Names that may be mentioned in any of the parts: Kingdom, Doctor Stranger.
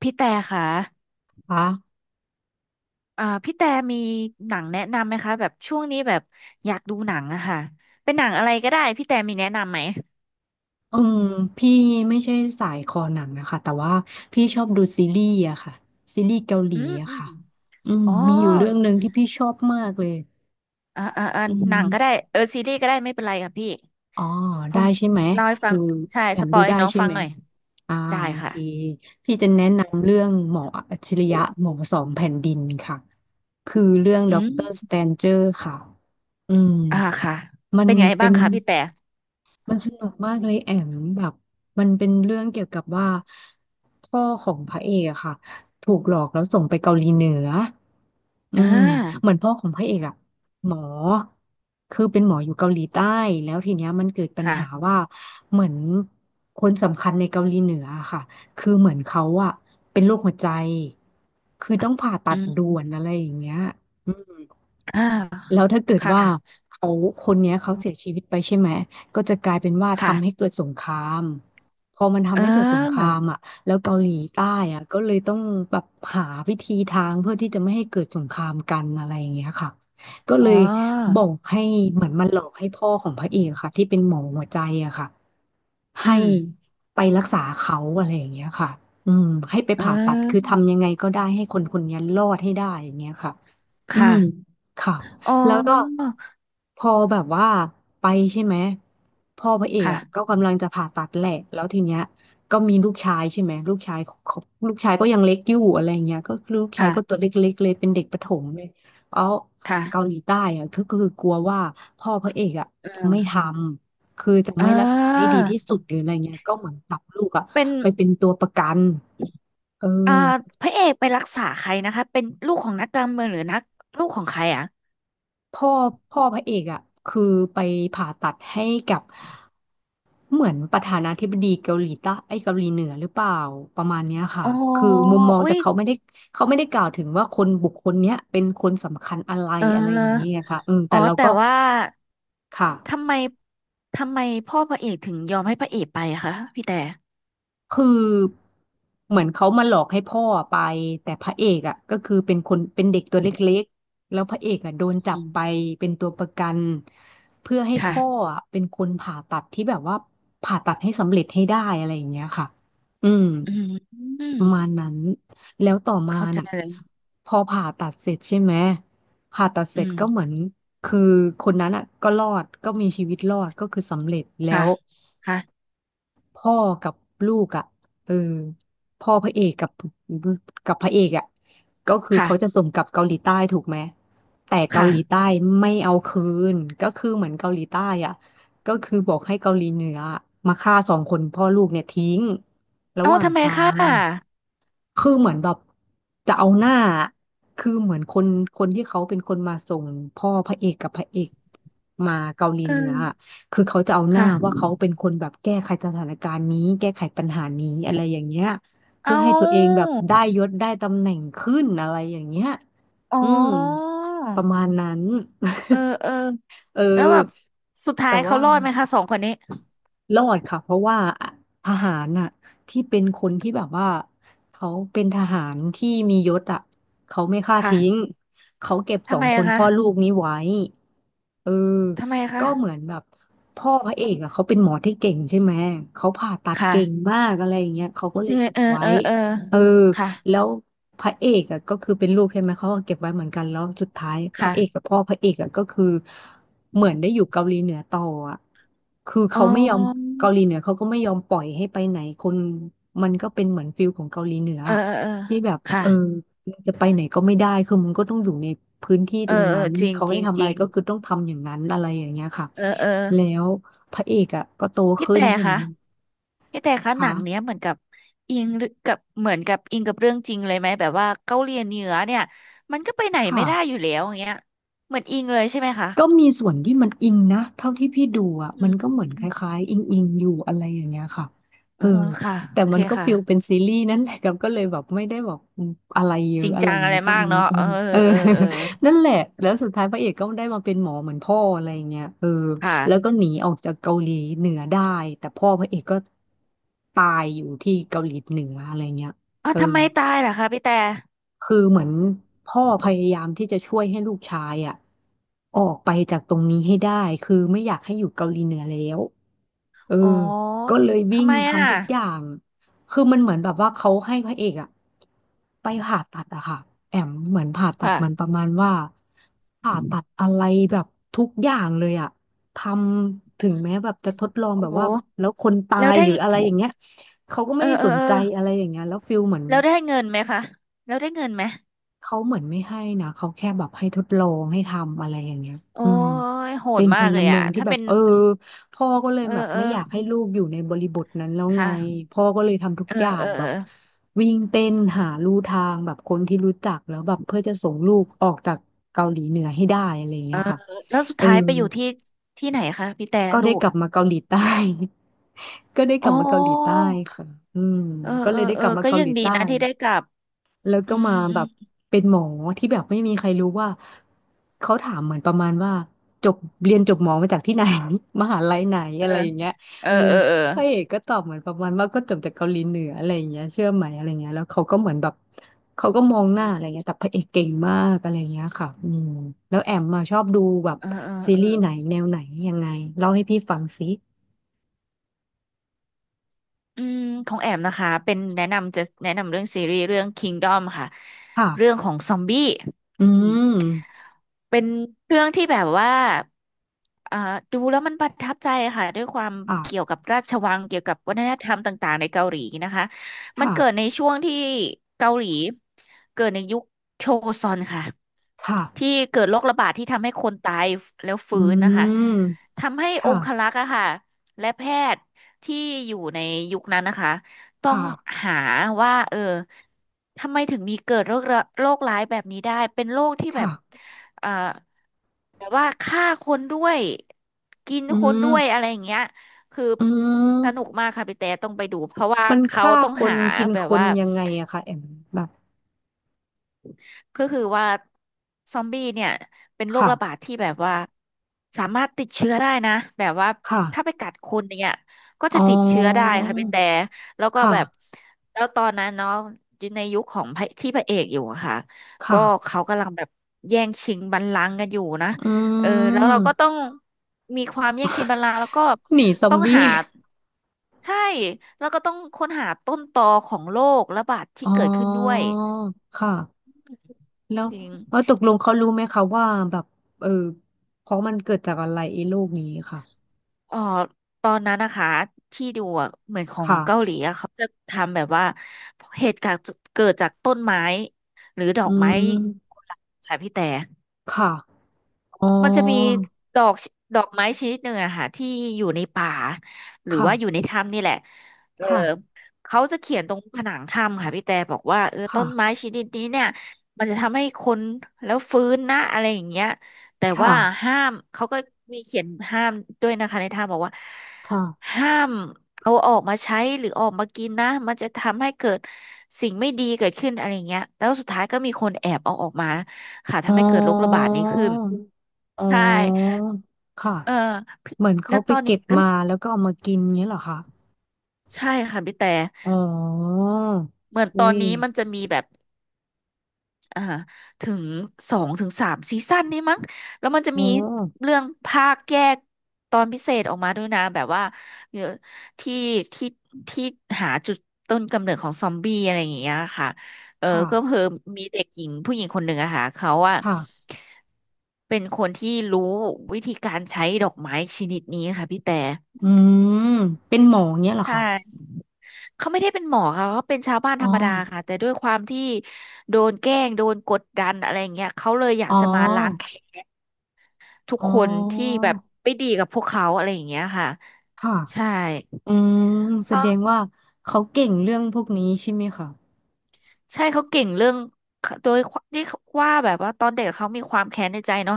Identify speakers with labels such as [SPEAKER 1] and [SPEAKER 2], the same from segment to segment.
[SPEAKER 1] พี่แต่ค่ะ
[SPEAKER 2] คะ
[SPEAKER 1] พี่แต่มีหนังแนะนำไหมคะแบบช่วงนี้แบบอยากดูหนังอะค่ะ เป็นหนังอะไรก็ได้พี่แต่มีแนะนำไหม
[SPEAKER 2] อืมพี่ไม่ใช่สายคอหนังนะคะแต่ว่าพี่ชอบดูซีรีส์อะค่ะซีรีส์เกาหลี
[SPEAKER 1] อืม
[SPEAKER 2] อะ
[SPEAKER 1] อืม
[SPEAKER 2] ค่ะอืม
[SPEAKER 1] อ๋อ
[SPEAKER 2] มีอยู่เรื่องหนึ่งที่พี่ชอบมากเลย
[SPEAKER 1] อ่าอ่าอ่า
[SPEAKER 2] อื
[SPEAKER 1] หนังก็ได้
[SPEAKER 2] ม
[SPEAKER 1] เออซีรีส์ก็ได้ไม่เป็นไรค่ะพี่
[SPEAKER 2] อ๋อ
[SPEAKER 1] พู
[SPEAKER 2] ได้
[SPEAKER 1] ด
[SPEAKER 2] ใช่ไหม
[SPEAKER 1] เล่าให้ฟั
[SPEAKER 2] คื
[SPEAKER 1] ง
[SPEAKER 2] อ
[SPEAKER 1] ใช่
[SPEAKER 2] แอ
[SPEAKER 1] ส
[SPEAKER 2] ม
[SPEAKER 1] ป
[SPEAKER 2] ดู
[SPEAKER 1] อยให้
[SPEAKER 2] ได้
[SPEAKER 1] น้อง
[SPEAKER 2] ใช่
[SPEAKER 1] ฟัง
[SPEAKER 2] ไหม
[SPEAKER 1] หน่อย
[SPEAKER 2] อ่า
[SPEAKER 1] ได้
[SPEAKER 2] โอเค
[SPEAKER 1] ค่ะ
[SPEAKER 2] พี่จะแนะนำเรื่องหมออัจฉริยะหมอสองแผ่นดินค่ะคือเรื่อง
[SPEAKER 1] อื
[SPEAKER 2] ด็อกเตอร์ส
[SPEAKER 1] ม
[SPEAKER 2] แตนเจอร์ค่ะอืม
[SPEAKER 1] อ่าค่ะ
[SPEAKER 2] มัน
[SPEAKER 1] เป็นไง
[SPEAKER 2] เป็
[SPEAKER 1] บ้าง
[SPEAKER 2] น
[SPEAKER 1] คะพี่แต่
[SPEAKER 2] มันสนุกมากเลยแอมแบบมันเป็นเรื่องเกี่ยวกับว่าพ่อของพระเอกอะค่ะถูกหลอกแล้วส่งไปเกาหลีเหนืออื
[SPEAKER 1] อ่
[SPEAKER 2] มเหมือ
[SPEAKER 1] า
[SPEAKER 2] นพ่อของพระเอกอะหมอคือเป็นหมออยู่เกาหลีใต้แล้วทีเนี้ยมันเกิดปัญหา
[SPEAKER 1] ค่ะ
[SPEAKER 2] ว่าเหมือนคนสำคัญในเกาหลีเหนืออะค่ะคือเหมือนเขาอะเป็นโรคหัวใจคือต้องผ่าตั
[SPEAKER 1] อื
[SPEAKER 2] ด
[SPEAKER 1] ม
[SPEAKER 2] ด่วนอะไรอย่างเงี้ยอืม
[SPEAKER 1] อ่
[SPEAKER 2] แล้
[SPEAKER 1] า
[SPEAKER 2] วถ้าเกิด
[SPEAKER 1] ค
[SPEAKER 2] ว่า
[SPEAKER 1] ่ะ
[SPEAKER 2] เขาคนเนี้ยเขาเสียชีวิตไปใช่ไหมก็จะกลายเป็นว่า
[SPEAKER 1] ค่ะ
[SPEAKER 2] ทำให้เกิดสงครามพอมัน
[SPEAKER 1] เอ
[SPEAKER 2] ทำให้เกิดสงครา
[SPEAKER 1] อ
[SPEAKER 2] มอ่ะแล้วเกาหลีใต้อ่ะก็เลยต้องแบบหาวิธีทางเพื่อที่จะไม่ให้เกิดสงครามกันอะไรอย่างเงี้ยค่ะก็เล
[SPEAKER 1] อ๋อ
[SPEAKER 2] ยบอกให้เหมือนมันหลอกให้พ่อของพระเอกค่ะที่เป็นหมอหัวใจอะค่ะ
[SPEAKER 1] อื
[SPEAKER 2] ให้
[SPEAKER 1] ม
[SPEAKER 2] ไปรักษาเขาอะไรอย่างเงี้ยค่ะอืมให้ไป
[SPEAKER 1] เอ
[SPEAKER 2] ผ่าตัดคือ
[SPEAKER 1] อ
[SPEAKER 2] ทำยังไงก็ได้ให้คนคนนี้รอดให้ได้อย่างเงี้ยค่ะ อื
[SPEAKER 1] ค่ะ
[SPEAKER 2] มค่ะ
[SPEAKER 1] อ๋
[SPEAKER 2] แล้วก็
[SPEAKER 1] อ
[SPEAKER 2] พอแบบว่าไปใช่ไหมพ่อพระเอกอ่ะก็
[SPEAKER 1] ค่ะ
[SPEAKER 2] กำลังจะผ่าตัดแหละแล้วทีเนี้ยก็มีลูกชายใช่ไหมลูกชายของลูกชายก็ยังเล็กอยู่อะไรเงี้ยก็คือลูกชาย
[SPEAKER 1] ค่ะ
[SPEAKER 2] ก็ตัวเล็กๆเลยเป็นเด็กประถมเลยเอาเกาห
[SPEAKER 1] ค่ะ
[SPEAKER 2] ลีใต้อ่ะก็คือกลัวว่าพ่อพระเอกอ่ะจะไม่ท
[SPEAKER 1] เออ
[SPEAKER 2] ำคือจะ
[SPEAKER 1] เอ
[SPEAKER 2] ไม่รักษาให้
[SPEAKER 1] อ
[SPEAKER 2] ดีที่สุดหรืออะไรเงี้ยก็เหมือนจับลูกอ่ะ
[SPEAKER 1] เป็น
[SPEAKER 2] ไปเป็นตัวประกันเอ
[SPEAKER 1] อ่า
[SPEAKER 2] อ
[SPEAKER 1] พระเอกไปรักษาใครนะคะเป็นลูกของนักการเมืองหรือนักลูกของใครอ่ะ
[SPEAKER 2] พ่อพ่อพระเอกอ่ะคือไปผ่าตัดให้กับเหมือนประธานาธิบดีเกาหลีใต้ไอ้ยเกาหลีเหนือหรือเปล่าประมาณเนี้ยค่ะ
[SPEAKER 1] อ๋อ
[SPEAKER 2] คือมุมมอง
[SPEAKER 1] อุ้
[SPEAKER 2] แต่
[SPEAKER 1] ย
[SPEAKER 2] เขาไม่ได้เขาไม่ได้กล่าวถึงว่าคนบุคคลเนี้ยเป็นคนสำคัญอะไร
[SPEAKER 1] เ
[SPEAKER 2] อะไรอย่างเงี้ย
[SPEAKER 1] ออ
[SPEAKER 2] ค่ะอืม
[SPEAKER 1] อ๋
[SPEAKER 2] แต่
[SPEAKER 1] อ
[SPEAKER 2] เรา
[SPEAKER 1] แต่
[SPEAKER 2] ก็
[SPEAKER 1] ว่า
[SPEAKER 2] ค่ะ
[SPEAKER 1] ทำไมทำไมพ่อพระเอกถึงยอมให้พระเอกไปอะคะพี่แต่
[SPEAKER 2] คือเหมือนเขามาหลอกให้พ่อไปแต่พระเอกอ่ะก็คือเป็นคนเป็นเด็กตัวเล็กๆแล้วพระเอกอ่ะโดนจั
[SPEAKER 1] อื
[SPEAKER 2] บไป
[SPEAKER 1] ม
[SPEAKER 2] เป็นตัวประกันเพื่อให้พ่อ
[SPEAKER 1] ค่ะ
[SPEAKER 2] อะเป็นคนผ่าตัดที่แบบว่าผ่าตัดให้สำเร็จให้ได้อะไรอย่างเงี้ยค่ะอืม
[SPEAKER 1] อืมอื
[SPEAKER 2] ป
[SPEAKER 1] ม
[SPEAKER 2] ระมาณนั้นแล้วต่อมา
[SPEAKER 1] เข้าใจ
[SPEAKER 2] น่ะ
[SPEAKER 1] เลย
[SPEAKER 2] พอผ่าตัดเสร็จใช่ไหมผ่าตัดเส
[SPEAKER 1] อื
[SPEAKER 2] ร็จก็เหมื
[SPEAKER 1] ม
[SPEAKER 2] อนคือคนนั้นอ่ะก็รอดก็มีชีวิตรอดก็คือสำเร็จแล้
[SPEAKER 1] ค่ะ
[SPEAKER 2] ว
[SPEAKER 1] ค่ะ
[SPEAKER 2] พ่อกับลูกอ่ะเออพ่อพระเอกกับพระเอกอ่ะก็คือ
[SPEAKER 1] ค่ะ
[SPEAKER 2] เขาจะส่งกลับเกาหลีใต้ถูกไหมแต่เกาหลีใต้
[SPEAKER 1] ค่ะ
[SPEAKER 2] ไม่เอาคืนก็คือเหมือนเกาหลีใต้อ่ะก็คือบอกให้เกาหลีเหนือมาฆ่าสองคนพ่อลูกเนี่ยทิ้งระห
[SPEAKER 1] เอ้า
[SPEAKER 2] ว่าง
[SPEAKER 1] ทำไม
[SPEAKER 2] ทา
[SPEAKER 1] คะ
[SPEAKER 2] ง คือเหมือนแบบจะเอาหน้าคือเหมือนคนที่เขาเป็นคนมาส่งพ่อพระเอกกับพระเอกมาเกาหลี
[SPEAKER 1] เอ
[SPEAKER 2] เหนืออะ
[SPEAKER 1] อ
[SPEAKER 2] คือเขาจะเอาหน้าว่า
[SPEAKER 1] ค่ะ
[SPEAKER 2] เขาเป็นคนแบบแก้ไขสถานการณ์นี้แก้ไขปัญหานี้อะไรอย่างเงี้ย
[SPEAKER 1] เอ
[SPEAKER 2] เพื่อให้ตัวเองแบ
[SPEAKER 1] า
[SPEAKER 2] บได้ยศได้ตำแหน่งขึ้นอะไรอย่างเงี้ย
[SPEAKER 1] อ๋
[SPEAKER 2] อืม
[SPEAKER 1] อ
[SPEAKER 2] ประมาณนั้น
[SPEAKER 1] เออเออ
[SPEAKER 2] เออ
[SPEAKER 1] แล้วแบบสุดท้า
[SPEAKER 2] แต่
[SPEAKER 1] ยเขา
[SPEAKER 2] ว่า
[SPEAKER 1] รอดไหมคะสองคนนี้
[SPEAKER 2] รอดค่ะเพราะว่าทหารน่ะที่เป็นคนที่แบบว่าเขาเป็นทหารที่มียศอ่ะเขาไม่ฆ่าทิ้ง
[SPEAKER 1] ค่ะ
[SPEAKER 2] เขาเก็บส
[SPEAKER 1] ทำ
[SPEAKER 2] อง
[SPEAKER 1] ไม
[SPEAKER 2] ค
[SPEAKER 1] อะ
[SPEAKER 2] น
[SPEAKER 1] คะ
[SPEAKER 2] พ่อลูกนี้ไว้เออ
[SPEAKER 1] ทำไมอะคะ
[SPEAKER 2] ก็เหมือนแบบพ่อพระเอกอ่ะเขาเป็นหมอที่เก่งใช่ไหมเขาผ่าตัดเก่ง
[SPEAKER 1] ค่ะ
[SPEAKER 2] มากอะไรอย่างเงี้ยเขาก็เล
[SPEAKER 1] ใช่
[SPEAKER 2] ย
[SPEAKER 1] ไหม
[SPEAKER 2] เก็บ
[SPEAKER 1] เออ
[SPEAKER 2] ไว้
[SPEAKER 1] เออเออ
[SPEAKER 2] เออ
[SPEAKER 1] ค่ะ
[SPEAKER 2] แล้วพระเอกอ่ะก็คือเป็นลูกใช่ไหมเขาก็เก็บไว้เหมือนกันแล้วสุดท้ายพระเอกกับ
[SPEAKER 1] ค่ะ
[SPEAKER 2] พ่อพระเอกอ่ะก็คือ เหมือนได้อยู่เกาหลีเหนือต่ออ่ะคือ
[SPEAKER 1] อ๋อ
[SPEAKER 2] เขาไม่ยอมเกาหลีเหนือเขาก็ไม่ยอมปล่อยให้ไปไหนคนมันก็เป็นเหมือนฟิลของเกาหลีเหนือ
[SPEAKER 1] เออ
[SPEAKER 2] อะ
[SPEAKER 1] เออเออ
[SPEAKER 2] ที่แบบ
[SPEAKER 1] ค่ะ
[SPEAKER 2] เออมึงจะไปไหนก็ไม่ได้คือมึงก็ต้องอยู่ในพื้นที่
[SPEAKER 1] เอ
[SPEAKER 2] ต
[SPEAKER 1] อ
[SPEAKER 2] รง
[SPEAKER 1] เอ
[SPEAKER 2] นั้
[SPEAKER 1] อ
[SPEAKER 2] น
[SPEAKER 1] จริง
[SPEAKER 2] เขา
[SPEAKER 1] จ
[SPEAKER 2] ให้
[SPEAKER 1] ริง
[SPEAKER 2] ทำ
[SPEAKER 1] จ
[SPEAKER 2] อะไร
[SPEAKER 1] ริง
[SPEAKER 2] ก็คือต้องทำอย่างนั้นอะไรอย่างเงี้ยค่ะ
[SPEAKER 1] เออเออ
[SPEAKER 2] แล้วพระเอกอ่ะก็โต
[SPEAKER 1] พี่
[SPEAKER 2] ขึ้น
[SPEAKER 1] แต่
[SPEAKER 2] ใช่ไหม
[SPEAKER 1] คะพี่แต่คะหนั
[SPEAKER 2] คะ
[SPEAKER 1] งเนี้ยเหมือนกับอิงหรือกับเหมือนกับอิงกับเรื่องจริงเลยไหมแบบว่าเกาหลีเหนือเนี่ยมันก็ไปไหนไม่
[SPEAKER 2] ค่ะ
[SPEAKER 1] ได้อยู่แล้วอย่างเงี้ยเหมือนอิงเลยใช่ไหมคะ
[SPEAKER 2] ก็มีส่วนที่มันอิงนะเท่าที่พี่ดูอ่ะ
[SPEAKER 1] อื
[SPEAKER 2] มัน
[SPEAKER 1] ม
[SPEAKER 2] ก็เหมือ
[SPEAKER 1] อื
[SPEAKER 2] น
[SPEAKER 1] ม
[SPEAKER 2] คล้ายๆอิง
[SPEAKER 1] อื
[SPEAKER 2] อิง
[SPEAKER 1] ม
[SPEAKER 2] อยู่อะไรอย่างเงี้ยค่ะ
[SPEAKER 1] เอ
[SPEAKER 2] เอ
[SPEAKER 1] อ
[SPEAKER 2] อ
[SPEAKER 1] ค่ะ
[SPEAKER 2] แต่
[SPEAKER 1] โอเค
[SPEAKER 2] มันก็
[SPEAKER 1] ค่ะ
[SPEAKER 2] ฟิลเป็นซีรีส์นั่นแหละครับก็เลยแบบไม่ได้แบบอะไรเย
[SPEAKER 1] จ
[SPEAKER 2] อะ
[SPEAKER 1] ริง
[SPEAKER 2] อะไร
[SPEAKER 1] จังอะ
[SPEAKER 2] นี้
[SPEAKER 1] ไร
[SPEAKER 2] ก็
[SPEAKER 1] มาก
[SPEAKER 2] มี
[SPEAKER 1] เนาะ
[SPEAKER 2] เออ
[SPEAKER 1] เออ
[SPEAKER 2] เออ
[SPEAKER 1] เออเออ
[SPEAKER 2] นั่นแหละแล้วสุดท้ายพระเอกก็ได้มาเป็นหมอเหมือนพ่ออะไรอย่างเงี้ยเออแล้วก็
[SPEAKER 1] ค่ะ
[SPEAKER 2] หนีออกจากเกาหลีเหนือได้แต่พ่อพระเอกก็ตายอยู่ที่เกาหลีเหนืออะไรเงี้ย
[SPEAKER 1] อ๋อ
[SPEAKER 2] เออ
[SPEAKER 1] ทำไมตายล่ะคะพี่แต่
[SPEAKER 2] คือเหมือนพ่อพยายามที่จะช่วยให้ลูกชายอ่ะออกไปจากตรงนี้ให้ได้คือไม่อยากให้อยู่เกาหลีเหนือแล้วเออ
[SPEAKER 1] อ๋อ
[SPEAKER 2] ก็เลยวิ่
[SPEAKER 1] ทำ
[SPEAKER 2] ง
[SPEAKER 1] ไมอ่ะ
[SPEAKER 2] ทำทุกอย่างคือมันเหมือนแบบว่าเขาให้พระเอกอะไปผ่าตัดอะค่ะแอมเหมือนผ่าตัด
[SPEAKER 1] ค่ะ
[SPEAKER 2] มันประมาณว่าผ่าตัดอะไรแบบทุกอย่างเลยอะทำถึงแม้แบบจะทดลอง
[SPEAKER 1] โอ้
[SPEAKER 2] แบบ
[SPEAKER 1] โห
[SPEAKER 2] ว่าแล้วคนตา
[SPEAKER 1] แล้ว
[SPEAKER 2] ย
[SPEAKER 1] ได้
[SPEAKER 2] หรืออะไรอย่างเงี้ยเขาก็
[SPEAKER 1] เอ
[SPEAKER 2] ไม่
[SPEAKER 1] อ
[SPEAKER 2] ได้
[SPEAKER 1] เอ
[SPEAKER 2] ส
[SPEAKER 1] อ
[SPEAKER 2] น
[SPEAKER 1] เออ
[SPEAKER 2] ใจอะไรอย่างเงี้ยแล้วฟิลเหมือน
[SPEAKER 1] แล้วได้เงินไหมคะแล้วได้เงินไหม
[SPEAKER 2] เขาเหมือนไม่ให้นะเขาแค่แบบให้ทดลองให้ทำอะไรอย่างเงี้ย
[SPEAKER 1] โอ้
[SPEAKER 2] อืม
[SPEAKER 1] ยโห
[SPEAKER 2] เป็
[SPEAKER 1] ด
[SPEAKER 2] นพ
[SPEAKER 1] มาก
[SPEAKER 2] ล
[SPEAKER 1] เลย
[SPEAKER 2] เมื
[SPEAKER 1] อ่ะ
[SPEAKER 2] องที่
[SPEAKER 1] ถ้า
[SPEAKER 2] แบ
[SPEAKER 1] เป็
[SPEAKER 2] บ
[SPEAKER 1] น
[SPEAKER 2] เออพ่อก็เลย
[SPEAKER 1] เออ
[SPEAKER 2] แบบ
[SPEAKER 1] เออ
[SPEAKER 2] ไม่อยากให้ลูกอยู่ในบริบทนั้นแล้วไง
[SPEAKER 1] ค่ะ
[SPEAKER 2] พ่อก็เลยทำทุก
[SPEAKER 1] เออ
[SPEAKER 2] อย่า
[SPEAKER 1] เอ
[SPEAKER 2] ง
[SPEAKER 1] อ
[SPEAKER 2] แบ
[SPEAKER 1] เออ
[SPEAKER 2] บวิ่งเต้นหาลู่ทางแบบคนที่รู้จักแล้วแบบเพื่อจะส่งลูกออกจากเกาหลีเหนือให้ได้อะไรอย่าง
[SPEAKER 1] เอ
[SPEAKER 2] เงี้
[SPEAKER 1] อ
[SPEAKER 2] ยค่ะ
[SPEAKER 1] แล้วสุด
[SPEAKER 2] เออ
[SPEAKER 1] ท้ายไปอยู่ที่ไหนคะพี่แต่
[SPEAKER 2] ก็
[SPEAKER 1] ลู
[SPEAKER 2] ได้
[SPEAKER 1] ก
[SPEAKER 2] กลับ
[SPEAKER 1] อะ
[SPEAKER 2] มาเกาหลีใต้ ก็ได้ก
[SPEAKER 1] อ๋
[SPEAKER 2] ลั
[SPEAKER 1] อ
[SPEAKER 2] บมาเกาหลีใต้ค่ะอืม
[SPEAKER 1] เออ
[SPEAKER 2] ก็
[SPEAKER 1] เอ
[SPEAKER 2] เล
[SPEAKER 1] อ
[SPEAKER 2] ยได้
[SPEAKER 1] เอ
[SPEAKER 2] ก
[SPEAKER 1] อ
[SPEAKER 2] ลับมา
[SPEAKER 1] ก็
[SPEAKER 2] เกา
[SPEAKER 1] ยั
[SPEAKER 2] ห
[SPEAKER 1] ง
[SPEAKER 2] ลี
[SPEAKER 1] ดี
[SPEAKER 2] ใต้
[SPEAKER 1] นะที่ได้กลับ
[SPEAKER 2] แล้ว
[SPEAKER 1] อื
[SPEAKER 2] ก็
[SPEAKER 1] ม
[SPEAKER 2] มา
[SPEAKER 1] อื
[SPEAKER 2] แบ
[SPEAKER 1] ม
[SPEAKER 2] บเป็นหมอที่แบบไม่มีใครรู้ว่าเขาถามเหมือนประมาณว่าจบเรียนจบหมอมาจากที่ไหน มหาลัยไหน
[SPEAKER 1] เอ
[SPEAKER 2] อะไร
[SPEAKER 1] อ
[SPEAKER 2] อย่างเงี้ย
[SPEAKER 1] เออ
[SPEAKER 2] เออ
[SPEAKER 1] เออเออ
[SPEAKER 2] พระเอกก็ตอบเหมือนประมาณว่าก็จบจากเกาหลีเหนืออะไรอย่างเงี้ยเชื่อไหมอะไรเงี้ยแล้วเขาก็เหมือนแบบเขาก็มองหน้าอะไรเงี้ยแต่พระเอกเก่งมากอะไรเงี้ยค่ะอืมแล้วแอมมาชอบดูแบบ
[SPEAKER 1] เออเออ
[SPEAKER 2] ซี
[SPEAKER 1] เออ
[SPEAKER 2] รีส์ไหนแนวไหนยังไงเล่าให้พี่ฟังสิ
[SPEAKER 1] อืมของแอมนะคะเป็นแนะนำจะแนะนำเรื่องซีรีส์เรื่อง Kingdom ค่ะ
[SPEAKER 2] ค่ะ
[SPEAKER 1] เรื่องของซอมบี้
[SPEAKER 2] อื
[SPEAKER 1] อืม
[SPEAKER 2] ม
[SPEAKER 1] เป็นเรื่องที่แบบว่า อ่าดูแล้วมันประทับใจค่ะด้วยความ
[SPEAKER 2] ค่ะ
[SPEAKER 1] เกี่ยวกับราชวังเกี่ยวกับวัฒนธรรมต่างๆในเกาหลีนะคะมันเกิด
[SPEAKER 2] ค่ะ
[SPEAKER 1] ในช่วงที่เกาหลีเกิดในยุคโชซอนค่ะ
[SPEAKER 2] ค่ะ
[SPEAKER 1] ที่เกิดโรคระบาดที่ทำให้คนตายแล้ว
[SPEAKER 2] อื
[SPEAKER 1] ฟื้นนะคะ
[SPEAKER 2] ม
[SPEAKER 1] ทำให้อ
[SPEAKER 2] ค่ะ
[SPEAKER 1] งครักษ์อะค่ะและแพทย์ที่อยู่ในยุคนั้นนะคะต้อ
[SPEAKER 2] ค่ะ
[SPEAKER 1] งหาว่าเออ ทำไมถึงมีเกิดโรคระโรคร้ายแบบนี้ได้เป็นโรคที่แบบ
[SPEAKER 2] ค่ะ
[SPEAKER 1] เอ่อแบบว่าฆ่าคนด้วย กิน
[SPEAKER 2] อื
[SPEAKER 1] คนด้วย
[SPEAKER 2] ม
[SPEAKER 1] อะไรอย่างเงี้ยคือ
[SPEAKER 2] อื
[SPEAKER 1] สนุก
[SPEAKER 2] ม
[SPEAKER 1] มากค่ะพี่แต่ต้องไปดูเพราะว่า
[SPEAKER 2] มัน
[SPEAKER 1] เขา
[SPEAKER 2] ฆ่า
[SPEAKER 1] ต้อง
[SPEAKER 2] คน
[SPEAKER 1] หา
[SPEAKER 2] กิน
[SPEAKER 1] แบบ
[SPEAKER 2] คน
[SPEAKER 1] ว่า
[SPEAKER 2] ยังไงอะคะแอมแบบ
[SPEAKER 1] ก็คือว่าซอมบี้เนี่ยเป็นโรค
[SPEAKER 2] ค่ะ
[SPEAKER 1] ระบาดที่แบบว่าสามารถติดเชื้อได้นะแบบว่าถ้าไป
[SPEAKER 2] ค่ะ
[SPEAKER 1] กัดคนเนี่ยก็
[SPEAKER 2] อ๋
[SPEAKER 1] จะ
[SPEAKER 2] อ
[SPEAKER 1] ติดเชื้อได้ค่ะพี่แต่แล้วก็
[SPEAKER 2] ค่ะ
[SPEAKER 1] แบบแล้วตอนนั้นเนาะอยู่ในยุคของพระที่พระเอกอยู่อะค่ะก็
[SPEAKER 2] ค่ะ
[SPEAKER 1] เขากำลังแบบแย่งชิงบัลลังก์กันอยู่นะ
[SPEAKER 2] อื
[SPEAKER 1] เออแล้วเราก็ต้อ
[SPEAKER 2] ม
[SPEAKER 1] งมีความแย่งชิงบัลลังก์แล้วก็
[SPEAKER 2] หนีซอม
[SPEAKER 1] ต้อง
[SPEAKER 2] บี้
[SPEAKER 1] หาใช่แล้วก็ต้องค้นหาต้นตอของโรคระบาดที่
[SPEAKER 2] อ๋อ
[SPEAKER 1] เกิดขึ้นด้วย
[SPEAKER 2] ค่ะ แล้ว
[SPEAKER 1] จริง
[SPEAKER 2] แล้วตกลงเขารู้ไหมคะว่าแบบเออของมันเกิดจากอะไรไอ้โรคนี้ค่ะ
[SPEAKER 1] เอ่อตอนนั้นนะคะที่ดูอะเหมือนของ
[SPEAKER 2] ค่ะ
[SPEAKER 1] เกาหลีอะเขาจะทำแบบว่าเหตุการณ์เกิดจากต้นไม้หรือดอ
[SPEAKER 2] อื
[SPEAKER 1] กไม้
[SPEAKER 2] ม
[SPEAKER 1] ค่ะพี่แต่
[SPEAKER 2] ค่ะอ๋อ
[SPEAKER 1] มันจะมีดอกดอกไม้ชนิดหนึ่งอะค่ะที่อยู่ในป่าหรือ
[SPEAKER 2] ค่ะ
[SPEAKER 1] ว่าอยู่ในถ้ำนี่แหละเออ
[SPEAKER 2] ค่ะ
[SPEAKER 1] เขาจะเขียนตรงผนังถ้ำค่ะพี่แต่บอกว่าเออ
[SPEAKER 2] ค่ะ
[SPEAKER 1] ต้นไม้ชนิดนี้เนี่ยมันจะทำให้คนแล้วฟื้นนะอะไรอย่างเงี้ยแต่
[SPEAKER 2] ค่ะ
[SPEAKER 1] ว่าห้ามเขาก็มีเขียนห้ามด้วยนะคะในถ้ำบอกว่า
[SPEAKER 2] ค่ะ
[SPEAKER 1] ห้ามเอาออกมาใช้หรือออกมากินนะมันจะทำให้เกิดสิ่งไม่ดีเกิดขึ้นอะไรอย่างเงี้ยแล้วสุดท้ายก็มีคนแอบเอาออกมาค่ะ
[SPEAKER 2] อ๋อ
[SPEAKER 1] ทำให้เกิดโรคระบาดนี้ขึ้น
[SPEAKER 2] อ๋
[SPEAKER 1] ใช่
[SPEAKER 2] อค่ะ
[SPEAKER 1] เออพี่
[SPEAKER 2] เหมือน
[SPEAKER 1] แล้
[SPEAKER 2] เขา
[SPEAKER 1] ว
[SPEAKER 2] ไป
[SPEAKER 1] ตอนนี้
[SPEAKER 2] เก็บ
[SPEAKER 1] แล้ว
[SPEAKER 2] มาแล้วก็เอามากินเงี้ยเหรอคะ
[SPEAKER 1] ใช่ค่ะพี่แต่
[SPEAKER 2] อ๋อ
[SPEAKER 1] เหมือนตอ
[SPEAKER 2] อุ้
[SPEAKER 1] น
[SPEAKER 2] ย
[SPEAKER 1] นี้มันจะมีแบบอ่าถึงสองถึงสามซีซั่นนี่มั้ง แล้วมันจะ
[SPEAKER 2] อ๋อ
[SPEAKER 1] มีเรื่องภาคแยกตอนพิเศษออกมาด้วยนะ แบบว่าเดี๋ยวที่ที่ที่หาจุดต้นกำเนิดของซอมบี้อะไรอย่างเงี้ยค่ะเออ
[SPEAKER 2] ค่ะ
[SPEAKER 1] ก็คือมีเด็กหญิงผู้หญิงคนหนึ่งอะค่ะเขาอะ
[SPEAKER 2] ค่ะ
[SPEAKER 1] เป็นคนที่รู้วิธีการใช้ดอกไม้ชนิดนี้ค่ะพี่แต่
[SPEAKER 2] อืมเป็นหมอเงี้ยเหรอ
[SPEAKER 1] ใช่
[SPEAKER 2] คะ
[SPEAKER 1] เขาไม่ได้เป็นหมอค่ะเขาเป็นชาวบ้าน
[SPEAKER 2] อ๋
[SPEAKER 1] ธ
[SPEAKER 2] อ
[SPEAKER 1] รรมดาค่ะแต่ด้วยความที่โดนแกล้งโดนกดดันอะไรอย่างเงี้ยเขาเลยอยา
[SPEAKER 2] อ๋
[SPEAKER 1] ก
[SPEAKER 2] อ
[SPEAKER 1] จะมาล้างแค้นทุก
[SPEAKER 2] อ๋
[SPEAKER 1] คนที่
[SPEAKER 2] อ
[SPEAKER 1] แบบไม่ดีกับพวกเขาอะไรอย่างเงี้ยค่ะ
[SPEAKER 2] ค่ะ
[SPEAKER 1] ใช่
[SPEAKER 2] อืมแส
[SPEAKER 1] เขา
[SPEAKER 2] ดงว่าเขาเก่งเรื่องพวกนี้ใช่ไหมคะ
[SPEAKER 1] ใช่เขาเก่งเรื่องโดยที่ว่าแบบว่าตอนเด็กเขามีความแค้นในใจเนาะ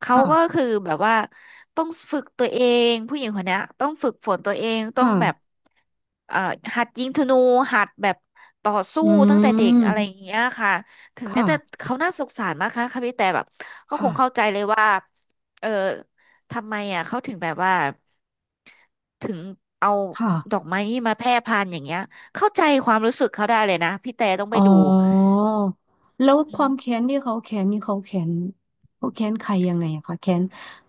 [SPEAKER 1] เขาก็
[SPEAKER 2] ค่ะ
[SPEAKER 1] คือแบบว่าต้องฝึกตัวเองผู้หญิงคนเนี้ยต้องฝึกฝนตัวเอง
[SPEAKER 2] ค
[SPEAKER 1] ต้องแบบ
[SPEAKER 2] ่ะ
[SPEAKER 1] เอ่อหัดยิงธนูหัดแบบต่อสู้
[SPEAKER 2] อื
[SPEAKER 1] ตั้งแต่เด็กอะไรอย่าง
[SPEAKER 2] ม
[SPEAKER 1] เงี้ยค่ะถึงแม้
[SPEAKER 2] ค่ะ
[SPEAKER 1] แต่เขาน่าสงสารมากค่ะค่ะพี่แต่แบบก็ค
[SPEAKER 2] ค่ะ
[SPEAKER 1] งเข้าใจเลยว่าเออทำไมอ่ะเขาถึงแบบว่าถึงเอา
[SPEAKER 2] ค่ะ
[SPEAKER 1] ดอกไม้นี่มาแพร่พันธุ์อย่างเงี้ย เข้าใจความรู้สึกเขาได้เลยนะพี่แต่ต้องไป
[SPEAKER 2] อ๋อ
[SPEAKER 1] ดู
[SPEAKER 2] แล้วค
[SPEAKER 1] อื
[SPEAKER 2] วามแค้
[SPEAKER 1] ม
[SPEAKER 2] นที่เขาแค้นนี่เขาแค้นเขาแค้นใครยังไงอะคะแค้น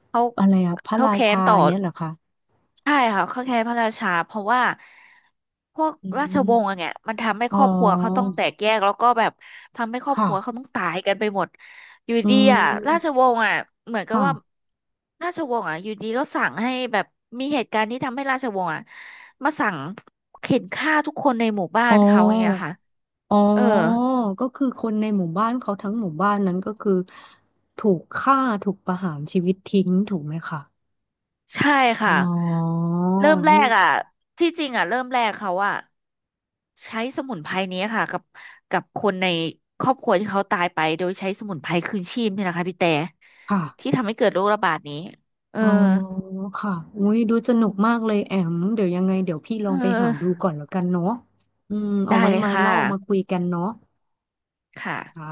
[SPEAKER 1] เขา
[SPEAKER 2] อะไรอะพระ
[SPEAKER 1] เขา
[SPEAKER 2] รา
[SPEAKER 1] แค้
[SPEAKER 2] ชา
[SPEAKER 1] นต่อ
[SPEAKER 2] อย่างเงี้ยเหรอคะ
[SPEAKER 1] ใช่ค่ะเขาแค้นพระราชาเพราะว่าพวก
[SPEAKER 2] อื
[SPEAKER 1] ราชวงศ์อะ
[SPEAKER 2] ม
[SPEAKER 1] เนี่ยมันทำให้
[SPEAKER 2] อ๋อ
[SPEAKER 1] ครอบครัวเขาต้องแตกแยกแล้วก็แบบทำให้ครอบค
[SPEAKER 2] ค่ะ
[SPEAKER 1] รัวเขาต้องตายกันไปหมดอยู่
[SPEAKER 2] อื
[SPEAKER 1] ดีอ่ะราช
[SPEAKER 2] ม
[SPEAKER 1] วงศ์อ่ะเหมือนกับ
[SPEAKER 2] ค่ะ
[SPEAKER 1] ว่าราชวงศ์อ่ะอยู่ดีก็สั่งให้แบบมีเหตุการณ์ที่ทำให้ราชวงศ์อ่ะมาสั่งเข็นฆ่าทุกคนในหมู่บ้า
[SPEAKER 2] อ๋
[SPEAKER 1] นเขาอย่างเงี้ย
[SPEAKER 2] อ
[SPEAKER 1] ค่ะ
[SPEAKER 2] อ๋อ
[SPEAKER 1] เออ
[SPEAKER 2] ก็คือคนในหมู่บ้านเขาทั้งหมู่บ้านนั้นก็คือถูกฆ่าถูกประหารชีวิตทิ้งถูกไหมคะ
[SPEAKER 1] ใช่
[SPEAKER 2] อ๋
[SPEAKER 1] ค่ะ
[SPEAKER 2] อ
[SPEAKER 1] เริ่มแร
[SPEAKER 2] นี่
[SPEAKER 1] กอ่ะที่จริงอ่ะเริ่มแรกเขาอ่ะใช้สมุนไพรนี้ค่ะกับกับคนในครอบครัวที่เขาตายไปโดยใช้สมุนไพรคืนชีพนี่แหละค่ะพี่แต่
[SPEAKER 2] ค่ะ
[SPEAKER 1] ที่ทำให้เกิดโรคระบาดนี้เออ
[SPEAKER 2] อ๋อค่ะอุ้ยดูสนุกมากเลยแอมเดี๋ยวยังไงเดี๋ยวพี่ล
[SPEAKER 1] เอ
[SPEAKER 2] องไปหา
[SPEAKER 1] อ
[SPEAKER 2] ดูก่อนแล้วกันเนาะอืมเอา
[SPEAKER 1] ได้
[SPEAKER 2] ไว้
[SPEAKER 1] เลย
[SPEAKER 2] มา
[SPEAKER 1] ค่ะ
[SPEAKER 2] เล่ามาคุยกันเนาะ
[SPEAKER 1] ค่ะ
[SPEAKER 2] ค่ะ